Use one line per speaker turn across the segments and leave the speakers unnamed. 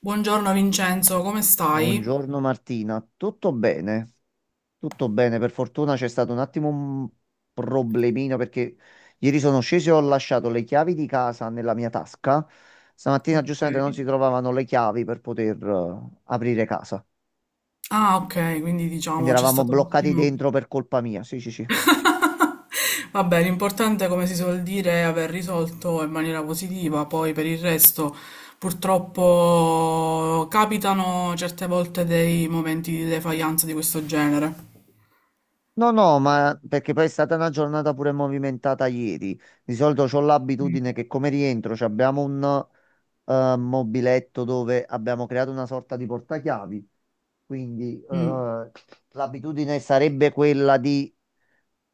Buongiorno Vincenzo, come stai?
Buongiorno Martina, tutto bene? Tutto bene, per fortuna c'è stato un attimo un problemino perché ieri sono sceso e ho lasciato le chiavi di casa nella mia tasca. Stamattina
Ok.
giustamente non si trovavano le chiavi per poter aprire casa.
Ah, ok, quindi
Quindi
diciamo c'è
eravamo
stato un
bloccati
attimo.
dentro per colpa mia. Sì, sì, sì.
Vabbè, l'importante, come si suol dire, è aver risolto in maniera positiva, poi per il resto purtroppo capitano certe volte dei momenti di defaillance di questo genere.
No, no, ma perché poi è stata una giornata pure movimentata ieri. Di solito ho l'abitudine che come rientro ci abbiamo un mobiletto dove abbiamo creato una sorta di portachiavi. Quindi
Mm.
l'abitudine sarebbe quella di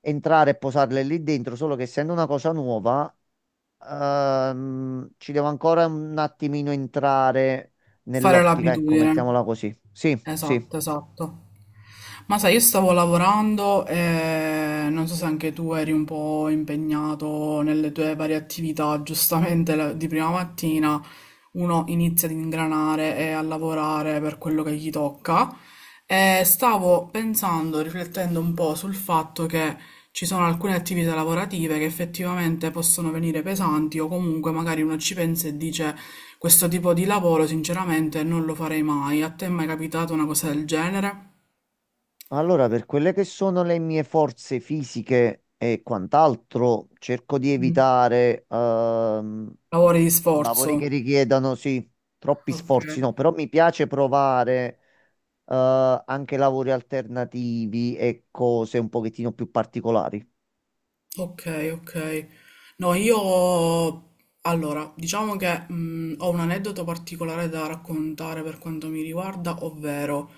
entrare e posarle lì dentro, solo che essendo una cosa nuova, ci devo ancora un attimino entrare
Fare
nell'ottica, ecco,
l'abitudine.
mettiamola così. Sì, sì.
Esatto, esatto. Ma sai, io stavo lavorando e non so se anche tu eri un po' impegnato nelle tue varie attività, giustamente di prima mattina uno inizia ad ingranare e a lavorare per quello che gli tocca. E stavo pensando, riflettendo un po' sul fatto che ci sono alcune attività lavorative che effettivamente possono venire pesanti o comunque magari uno ci pensa e dice questo tipo di lavoro sinceramente non lo farei mai. A te è mai capitata una cosa del genere?
Allora, per quelle che sono le mie forze fisiche e quant'altro, cerco di
Mm.
evitare
Lavori di
lavori
sforzo.
che richiedano, sì, troppi
Ok.
sforzi, no, però mi piace provare anche lavori alternativi e cose un pochettino più particolari.
Ok, ok. No, io allora, diciamo che ho un aneddoto particolare da raccontare per quanto mi riguarda, ovvero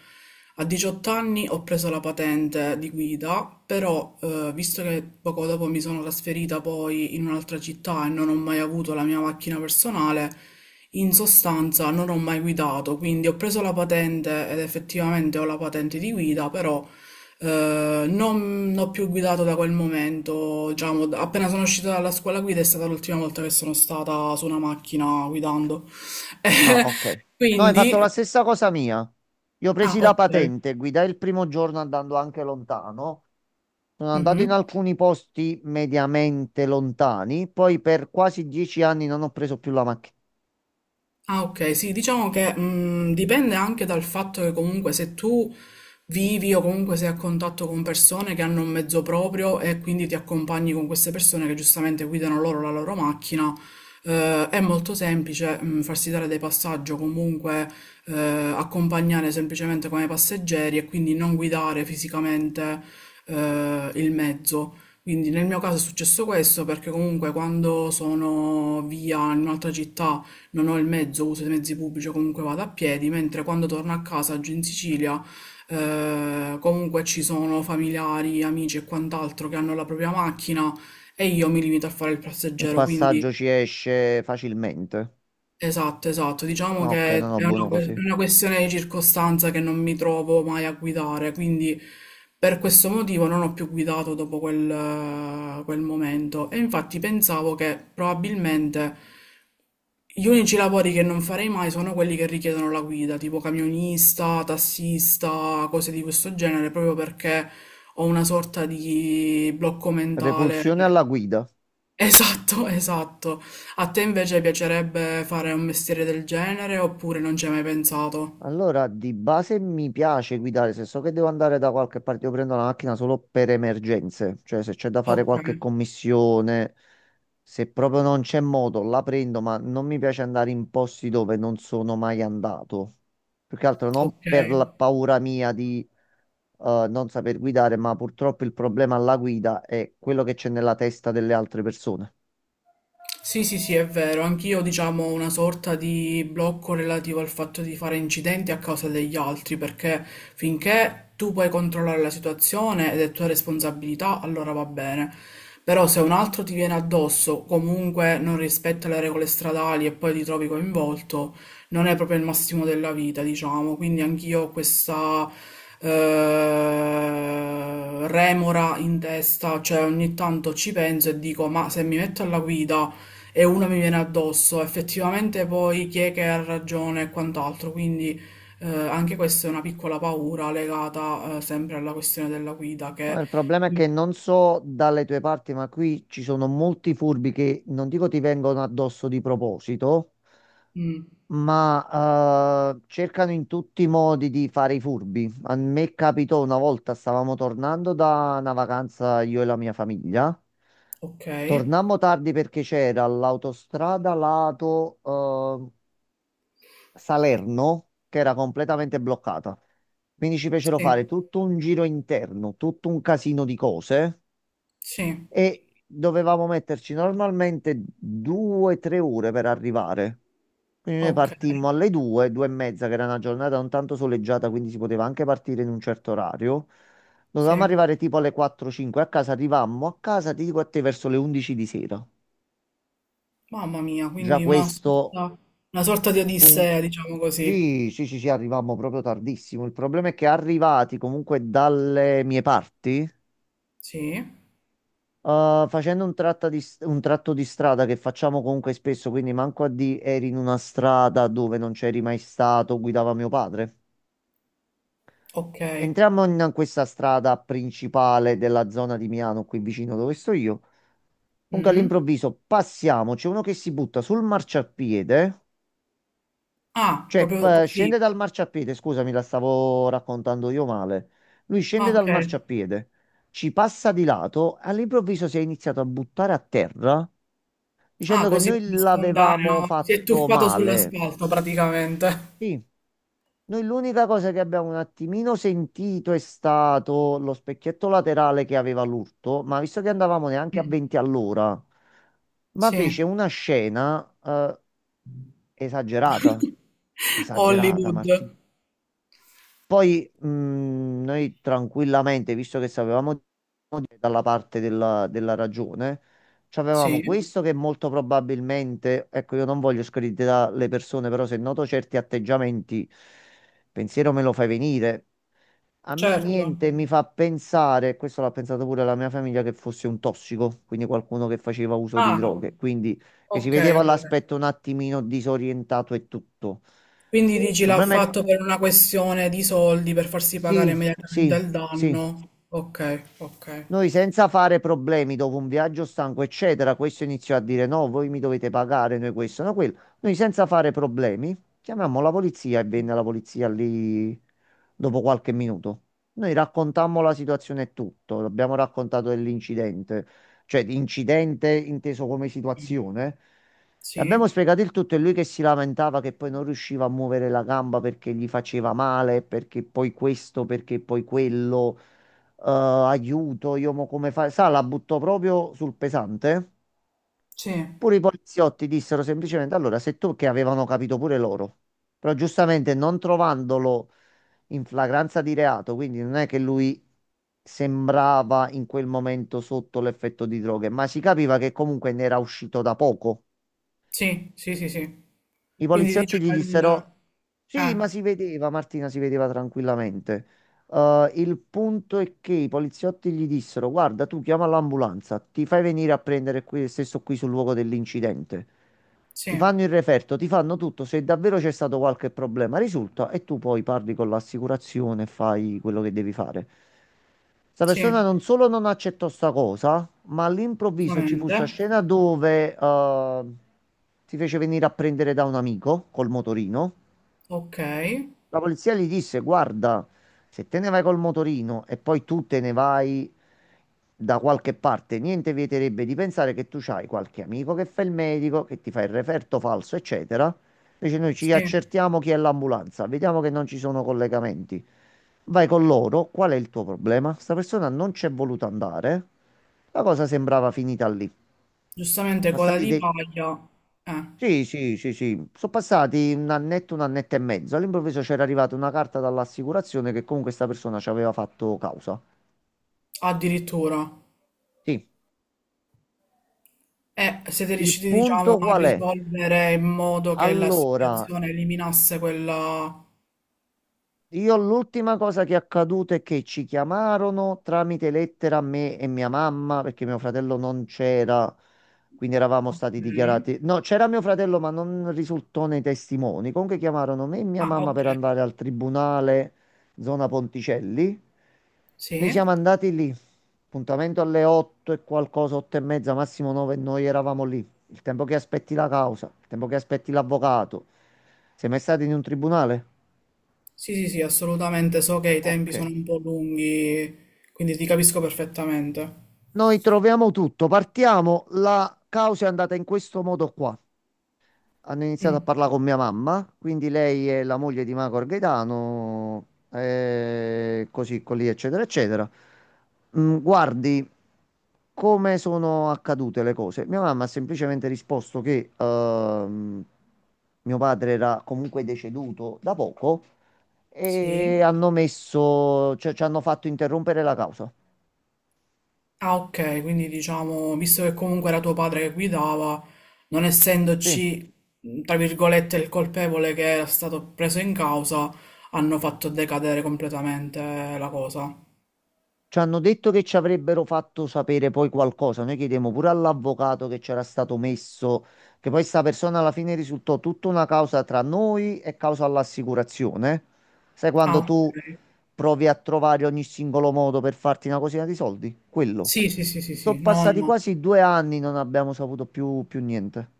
a 18 anni ho preso la patente di guida, però visto che poco dopo mi sono trasferita poi in un'altra città e non ho mai avuto la mia macchina personale, in sostanza non ho mai guidato, quindi ho preso la patente ed effettivamente ho la patente di guida, però non ho più guidato da quel momento, diciamo, appena sono uscita dalla scuola guida è stata l'ultima volta che sono stata su una macchina guidando.
Ah, ok. No, hai fatto
Quindi,
la stessa cosa mia. Io ho
ah,
presi la
ok.
patente, guidai il primo giorno andando anche lontano. Sono andato in
Mhm.
alcuni posti mediamente lontani, poi per quasi 10 anni non ho preso più la macchina.
Ah, ok, sì, diciamo che dipende anche dal fatto che comunque se tu vivi o comunque sei a contatto con persone che hanno un mezzo proprio e quindi ti accompagni con queste persone che giustamente guidano loro la loro macchina, è molto semplice farsi dare dei passaggi o comunque eh, accompagnare semplicemente come passeggeri e quindi non guidare fisicamente il mezzo. Quindi nel mio caso è successo questo perché comunque quando sono via in un'altra città non ho il mezzo, uso i mezzi pubblici o comunque vado a piedi, mentre quando torno a casa giù in Sicilia comunque ci sono familiari, amici e quant'altro che hanno la propria macchina e io mi limito a fare il
Un
passeggero, quindi
passaggio ci esce facilmente.
esatto, esatto. Diciamo
Ah, ok,
che
no, no,
è
buono
una,
così.
una questione di circostanza che non mi trovo mai a guidare, quindi per questo motivo non ho più guidato dopo quel, quel momento. E infatti pensavo che probabilmente gli unici lavori che non farei mai sono quelli che richiedono la guida, tipo camionista, tassista, cose di questo genere, proprio perché ho una sorta di blocco mentale.
Repulsione alla guida.
Esatto, esatto. A te invece piacerebbe fare un mestiere del genere oppure non ci hai mai pensato?
Allora, di base mi piace guidare, se so che devo andare da qualche parte, io prendo la macchina solo per emergenze, cioè se c'è da fare
Ok,
qualche commissione, se proprio non c'è modo, la prendo, ma non mi piace andare in posti dove non sono mai andato. Più che altro non
ok.
per la paura mia di non saper guidare, ma purtroppo il problema alla guida è quello che c'è nella testa delle altre persone.
Sì, sì, sì, è vero. Anch'io, diciamo, ho una sorta di blocco relativo al fatto di fare incidenti a causa degli altri, perché finché tu puoi controllare la situazione ed è tua responsabilità, allora va bene. Però se un altro ti viene addosso, comunque non rispetta le regole stradali e poi ti trovi coinvolto, non è proprio il massimo della vita, diciamo. Quindi anch'io ho questa remora in testa, cioè ogni tanto ci penso e dico, ma se mi metto alla guida e una mi viene addosso. Effettivamente poi chi è che ha ragione e quant'altro, quindi anche questa è una piccola paura legata sempre alla questione della guida che...
Ma il problema è che non so dalle tue parti, ma qui ci sono molti furbi che non dico ti vengono addosso di proposito,
Mm,
ma cercano in tutti i modi di fare i furbi. A me capitò una volta, stavamo tornando da una vacanza io e la mia famiglia.
ok,
Tornammo tardi perché c'era l'autostrada lato Salerno che era completamente bloccata. Quindi ci fecero
sì,
fare tutto un giro interno, tutto un casino di cose,
sì,
e dovevamo metterci normalmente 2 o 3 ore per arrivare. Quindi noi
ok,
partimmo alle due, due e mezza, che era una giornata un tanto soleggiata, quindi si poteva anche partire in un certo orario. Dovevamo
sì.
arrivare tipo alle 4-5 a casa, arrivammo a casa, ti dico a te, verso le 11 di sera.
Mamma mia,
Già
quindi
questo,
una sorta di
un...
Odissea, diciamo così.
sì, sì, sì, sì, arrivammo proprio tardissimo. Il problema è che arrivati comunque dalle mie parti,
Sì,
Facendo un tratto di strada che facciamo comunque spesso, quindi manco a di eri in una strada dove non c'eri mai stato, guidava mio padre.
ok.
Entriamo in questa strada principale della zona di Milano, qui vicino dove sto io. Comunque
Mm.
all'improvviso passiamo, c'è uno che si butta sul marciapiede,
Ah,
cioè
proprio così.
scende dal marciapiede, scusami, la stavo raccontando io male. Lui scende
Ah,
dal
ok.
marciapiede, ci passa di lato, all'improvviso si è iniziato a buttare a terra,
Ah,
dicendo che
così
noi l'avevamo
spontaneo. Si è
fatto
tuffato
male.
sull'asfalto praticamente.
Sì, noi l'unica cosa che abbiamo un attimino sentito è stato lo specchietto laterale che aveva l'urto, ma visto che andavamo neanche a
Mm.
20 all'ora, ma
Sì.
fece una scena esagerata, esagerata,
Hollywood,
Martino. Poi noi tranquillamente, visto che sapevamo dalla parte della ragione. C'avevamo
sì,
questo che molto probabilmente, ecco, io non voglio screditare le persone, però se noto certi atteggiamenti, pensiero me lo fai venire. A me
certo.
niente mi fa pensare, questo l'ha pensato pure la mia famiglia, che fosse un tossico, quindi qualcuno che faceva uso di
Ah,
droghe, quindi che si
okay,
vedeva
okay.
l'aspetto un attimino disorientato e tutto.
Quindi
Il
dici l'ha
problema è...
fatto per una questione di soldi, per farsi pagare
Sì,
immediatamente
sì,
il
sì.
danno. Okay, okay.
Noi senza fare problemi dopo un viaggio stanco, eccetera, questo iniziò a dire no, voi mi dovete pagare, noi questo, no quello. Noi senza fare problemi chiamammo la polizia e venne la polizia lì dopo qualche minuto. Noi raccontammo la situazione e tutto, abbiamo raccontato dell'incidente, cioè di incidente inteso come
Mh.
situazione. Abbiamo
Sì,
spiegato il tutto e lui che si lamentava che poi non riusciva a muovere la gamba perché gli faceva male, perché poi questo, perché poi quello aiuto, io mo come fare? Sa, la buttò proprio sul pesante.
sì,
Pure i poliziotti dissero semplicemente, allora, se tu, che avevano capito pure loro, però giustamente non trovandolo in flagranza di reato, quindi non è che lui sembrava in quel momento sotto l'effetto di droghe, ma si capiva che comunque ne era uscito da poco.
sì, sì, sì, sì.
I
Quindi
poliziotti gli
diciamo il
dissero: sì, ma si vedeva, Martina, si vedeva tranquillamente. Il punto è che i poliziotti gli dissero: guarda, tu chiama l'ambulanza, ti fai venire a prendere qui, stesso qui sul luogo dell'incidente. Ti
sì,
fanno il referto, ti fanno tutto. Se davvero c'è stato qualche problema, risulta, e tu poi parli con l'assicurazione e fai quello che devi fare. Sta persona
sì,
non solo non accettò sta cosa, ma all'improvviso ci fu sta
giustamente.
scena dove si fece venire a prendere da un amico col motorino.
Okay,
La polizia gli disse: guarda, se te ne vai col motorino e poi tu te ne vai da qualche parte, niente vieterebbe di pensare che tu c'hai qualche amico che fa il medico, che ti fa il referto falso, eccetera. Invece noi ci
sì,
accertiamo chi è l'ambulanza, vediamo che non ci sono collegamenti. Vai con loro, qual è il tuo problema? Sta persona non c'è voluta andare. La cosa sembrava finita lì.
giustamente coda
Passati
di
dei...
paglia, eh,
Sì, sì, sì, sì. Sono passati un annetto e mezzo. All'improvviso c'era arrivata una carta dall'assicurazione che comunque questa persona ci aveva fatto causa.
addirittura.
Sì.
Siete
Il
riusciti, diciamo,
punto
a
qual è?
risolvere in modo che la
Allora,
situazione eliminasse quella...
io l'ultima cosa che è accaduta è che ci chiamarono tramite lettera a me e mia mamma perché mio fratello non c'era, quindi eravamo stati
Ok.
dichiarati. No, c'era mio fratello, ma non risultò nei testimoni. Comunque chiamarono me e mia
Ah,
mamma
ok.
per andare al tribunale zona Ponticelli. Noi
Sì.
siamo andati lì, appuntamento alle 8 e qualcosa, 8 e mezza, massimo 9, e noi eravamo lì. Il tempo che aspetti la causa, il tempo che aspetti l'avvocato. Sei mai stato in un tribunale?
Sì, sì, sì, assolutamente. So che i tempi
Ok.
sono un po' lunghi, quindi ti capisco perfettamente.
Noi troviamo tutto, partiamo. La causa è andata in questo modo qua. Hanno iniziato
Mm,
a parlare con mia mamma, quindi lei è la moglie di Magor Gaetano, così, così, eccetera, eccetera. Mm, guardi come sono accadute le cose. Mia mamma ha semplicemente risposto che mio padre era comunque deceduto da poco e
sì.
hanno messo, cioè ci hanno fatto interrompere la causa.
Ah, ok, quindi diciamo, visto che comunque era tuo padre che guidava, non
Sì.
essendoci, mm, tra virgolette, il colpevole che era stato preso in causa, hanno fatto decadere completamente la cosa.
Ci hanno detto che ci avrebbero fatto sapere poi qualcosa. Noi chiedemmo pure all'avvocato che c'era stato messo, che poi sta persona alla fine risultò tutta una causa tra noi e causa all'assicurazione. Sai
Ah,
quando
ok.
tu provi a trovare ogni singolo modo per farti una cosina di soldi? Quello.
Sì, sì, sì, sì,
Sono
sì, no,
passati
no,
quasi 2 anni, non abbiamo saputo più niente.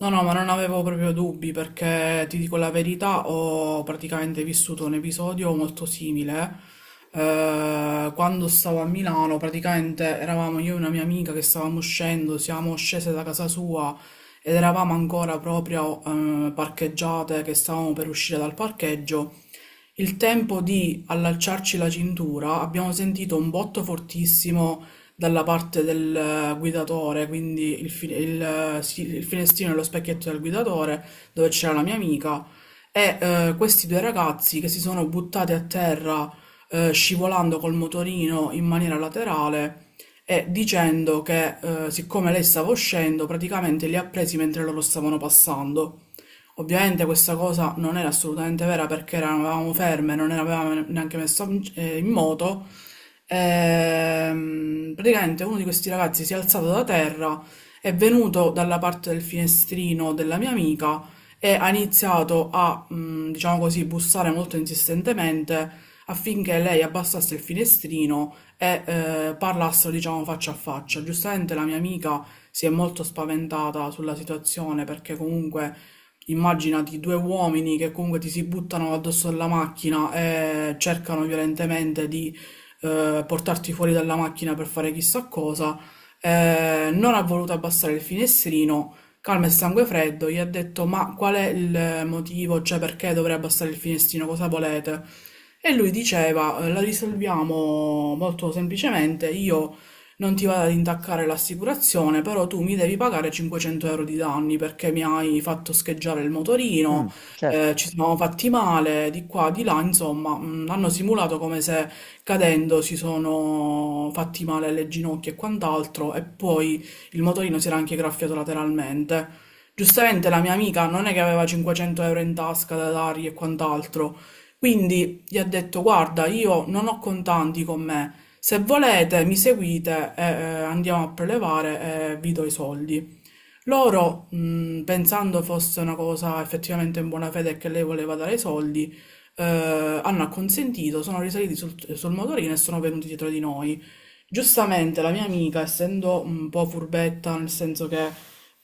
no, no, ma non avevo proprio dubbi perché ti dico la verità, ho praticamente vissuto un episodio molto simile. Quando stavo a Milano, praticamente eravamo io e una mia amica che stavamo uscendo, siamo scese da casa sua ed eravamo ancora proprio parcheggiate, che stavamo per uscire dal parcheggio. Il tempo di allacciarci la cintura, abbiamo sentito un botto fortissimo dalla parte del guidatore, quindi sì, il finestrino e lo specchietto del guidatore, dove c'era la mia amica, e questi due ragazzi che si sono buttati a terra scivolando col motorino in maniera laterale e dicendo che siccome lei stava uscendo, praticamente li ha presi mentre loro stavano passando. Ovviamente questa cosa non era assolutamente vera perché eravamo ferme, non eravamo neanche messa in in moto. Praticamente uno di questi ragazzi si è alzato da terra, è venuto dalla parte del finestrino della mia amica e ha iniziato a, diciamo così, bussare molto insistentemente affinché lei abbassasse il finestrino e parlassero, diciamo, faccia a faccia. Giustamente la mia amica si è molto spaventata sulla situazione perché comunque immaginati due uomini che comunque ti si buttano addosso alla macchina e cercano violentemente di portarti fuori dalla macchina per fare chissà cosa, non ha voluto abbassare il finestrino, calma e sangue freddo, gli ha detto ma qual è il motivo, cioè perché dovrei abbassare il finestrino, cosa volete? E lui diceva la risolviamo molto semplicemente, io non ti vado ad intaccare l'assicurazione, però tu mi devi pagare 500 euro di danni perché mi hai fatto scheggiare il motorino,
Mm, certo.
ci siamo fatti male, di qua, di là", insomma, hanno simulato come se cadendo si sono fatti male alle ginocchia e quant'altro e poi il motorino si era anche graffiato lateralmente. Giustamente la mia amica non è che aveva 500 euro in tasca da dargli e quant'altro, quindi gli ha detto guarda, io non ho contanti con me, se volete mi seguite e andiamo a prelevare e vi do i soldi. Loro, pensando fosse una cosa effettivamente in buona fede e che lei voleva dare i soldi, hanno acconsentito, sono risaliti sul motorino e sono venuti dietro di noi. Giustamente la mia amica, essendo un po' furbetta, nel senso che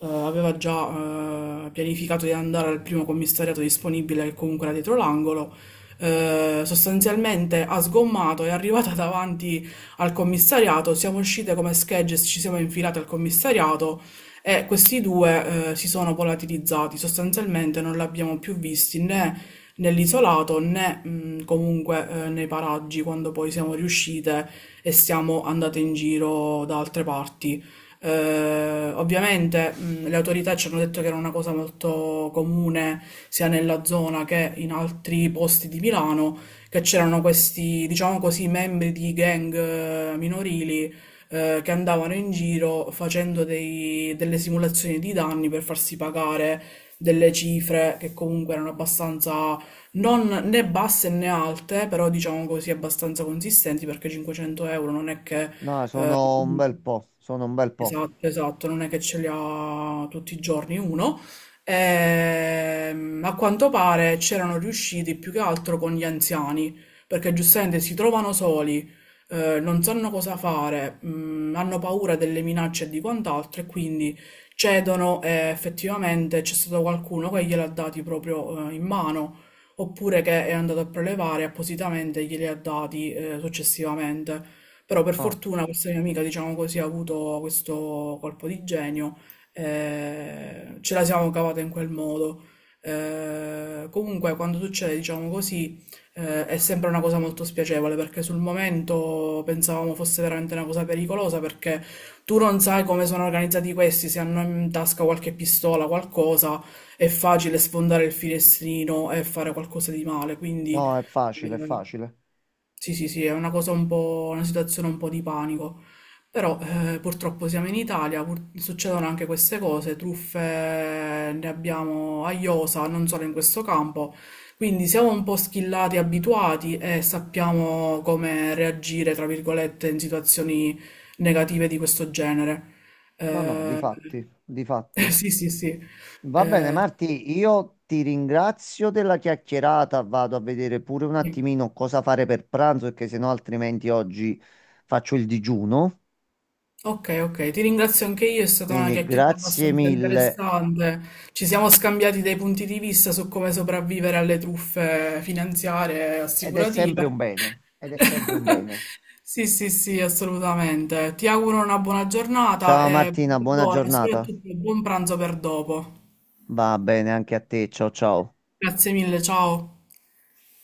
aveva già pianificato di andare al primo commissariato disponibile, che comunque era dietro l'angolo, sostanzialmente ha sgommato, è arrivata davanti al commissariato, siamo uscite come schegge, ci siamo infilate al commissariato e questi due si sono volatilizzati, sostanzialmente non li abbiamo più visti né nell'isolato né comunque nei paraggi quando poi siamo riuscite e siamo andate in giro da altre parti. Ovviamente le autorità ci hanno detto che era una cosa molto comune sia nella zona che in altri posti di Milano, che c'erano questi, diciamo così, membri di gang minorili che andavano in giro facendo delle simulazioni di danni per farsi pagare delle cifre che comunque erano abbastanza non né basse né alte, però diciamo così abbastanza consistenti perché 500 euro non è che
No, sono un bel po', sono un bel po'.
esatto, esatto, non è che ce li ha tutti i giorni uno. A quanto pare c'erano riusciti più che altro con gli anziani, perché giustamente si trovano soli, non sanno cosa fare, mm, hanno paura delle minacce e di quant'altro e quindi cedono e effettivamente c'è stato qualcuno che gliel'ha dati proprio, in mano, oppure che è andato a prelevare appositamente e glieli ha dati, successivamente. Però per
Ah,
fortuna questa mia amica, diciamo così, ha avuto questo colpo di genio, ce la siamo cavata in quel modo. Comunque quando succede, diciamo così, è sempre una cosa molto spiacevole perché sul momento pensavamo fosse veramente una cosa pericolosa perché tu non sai come sono organizzati questi, se hanno in tasca qualche pistola, qualcosa, è facile sfondare il finestrino e fare qualcosa di male, quindi...
no, è facile, è
eh,
facile.
sì, sì, sì, è una cosa un po', una situazione un po' di panico. Però purtroppo siamo in Italia, succedono anche queste cose, truffe ne abbiamo a iosa, non solo in questo campo, quindi siamo un po' schillati, abituati e sappiamo come reagire, tra virgolette, in situazioni negative di questo genere.
No, no, di
Eh,
fatti, di fatti.
sì, sì, sì.
Va bene,
Eh,
Marti, io ti ringrazio della chiacchierata. Vado a vedere pure un
sì.
attimino cosa fare per pranzo, perché sennò altrimenti oggi faccio il digiuno.
Ok, ok, ti ringrazio anche io, è stata una
Quindi
chiacchierata
grazie
abbastanza
mille.
interessante. Ci siamo scambiati dei punti di vista su come sopravvivere alle truffe finanziarie e
Ed è sempre
assicurative.
un bene. Ed è sempre un bene.
Sì, sì, sì, assolutamente. Ti auguro una buona giornatata
Ciao
e
Martina, buona
buona,
giornata.
soprattutto buon pranzo per dopo.
Va bene anche a te. Ciao ciao.
Grazie mille, ciao.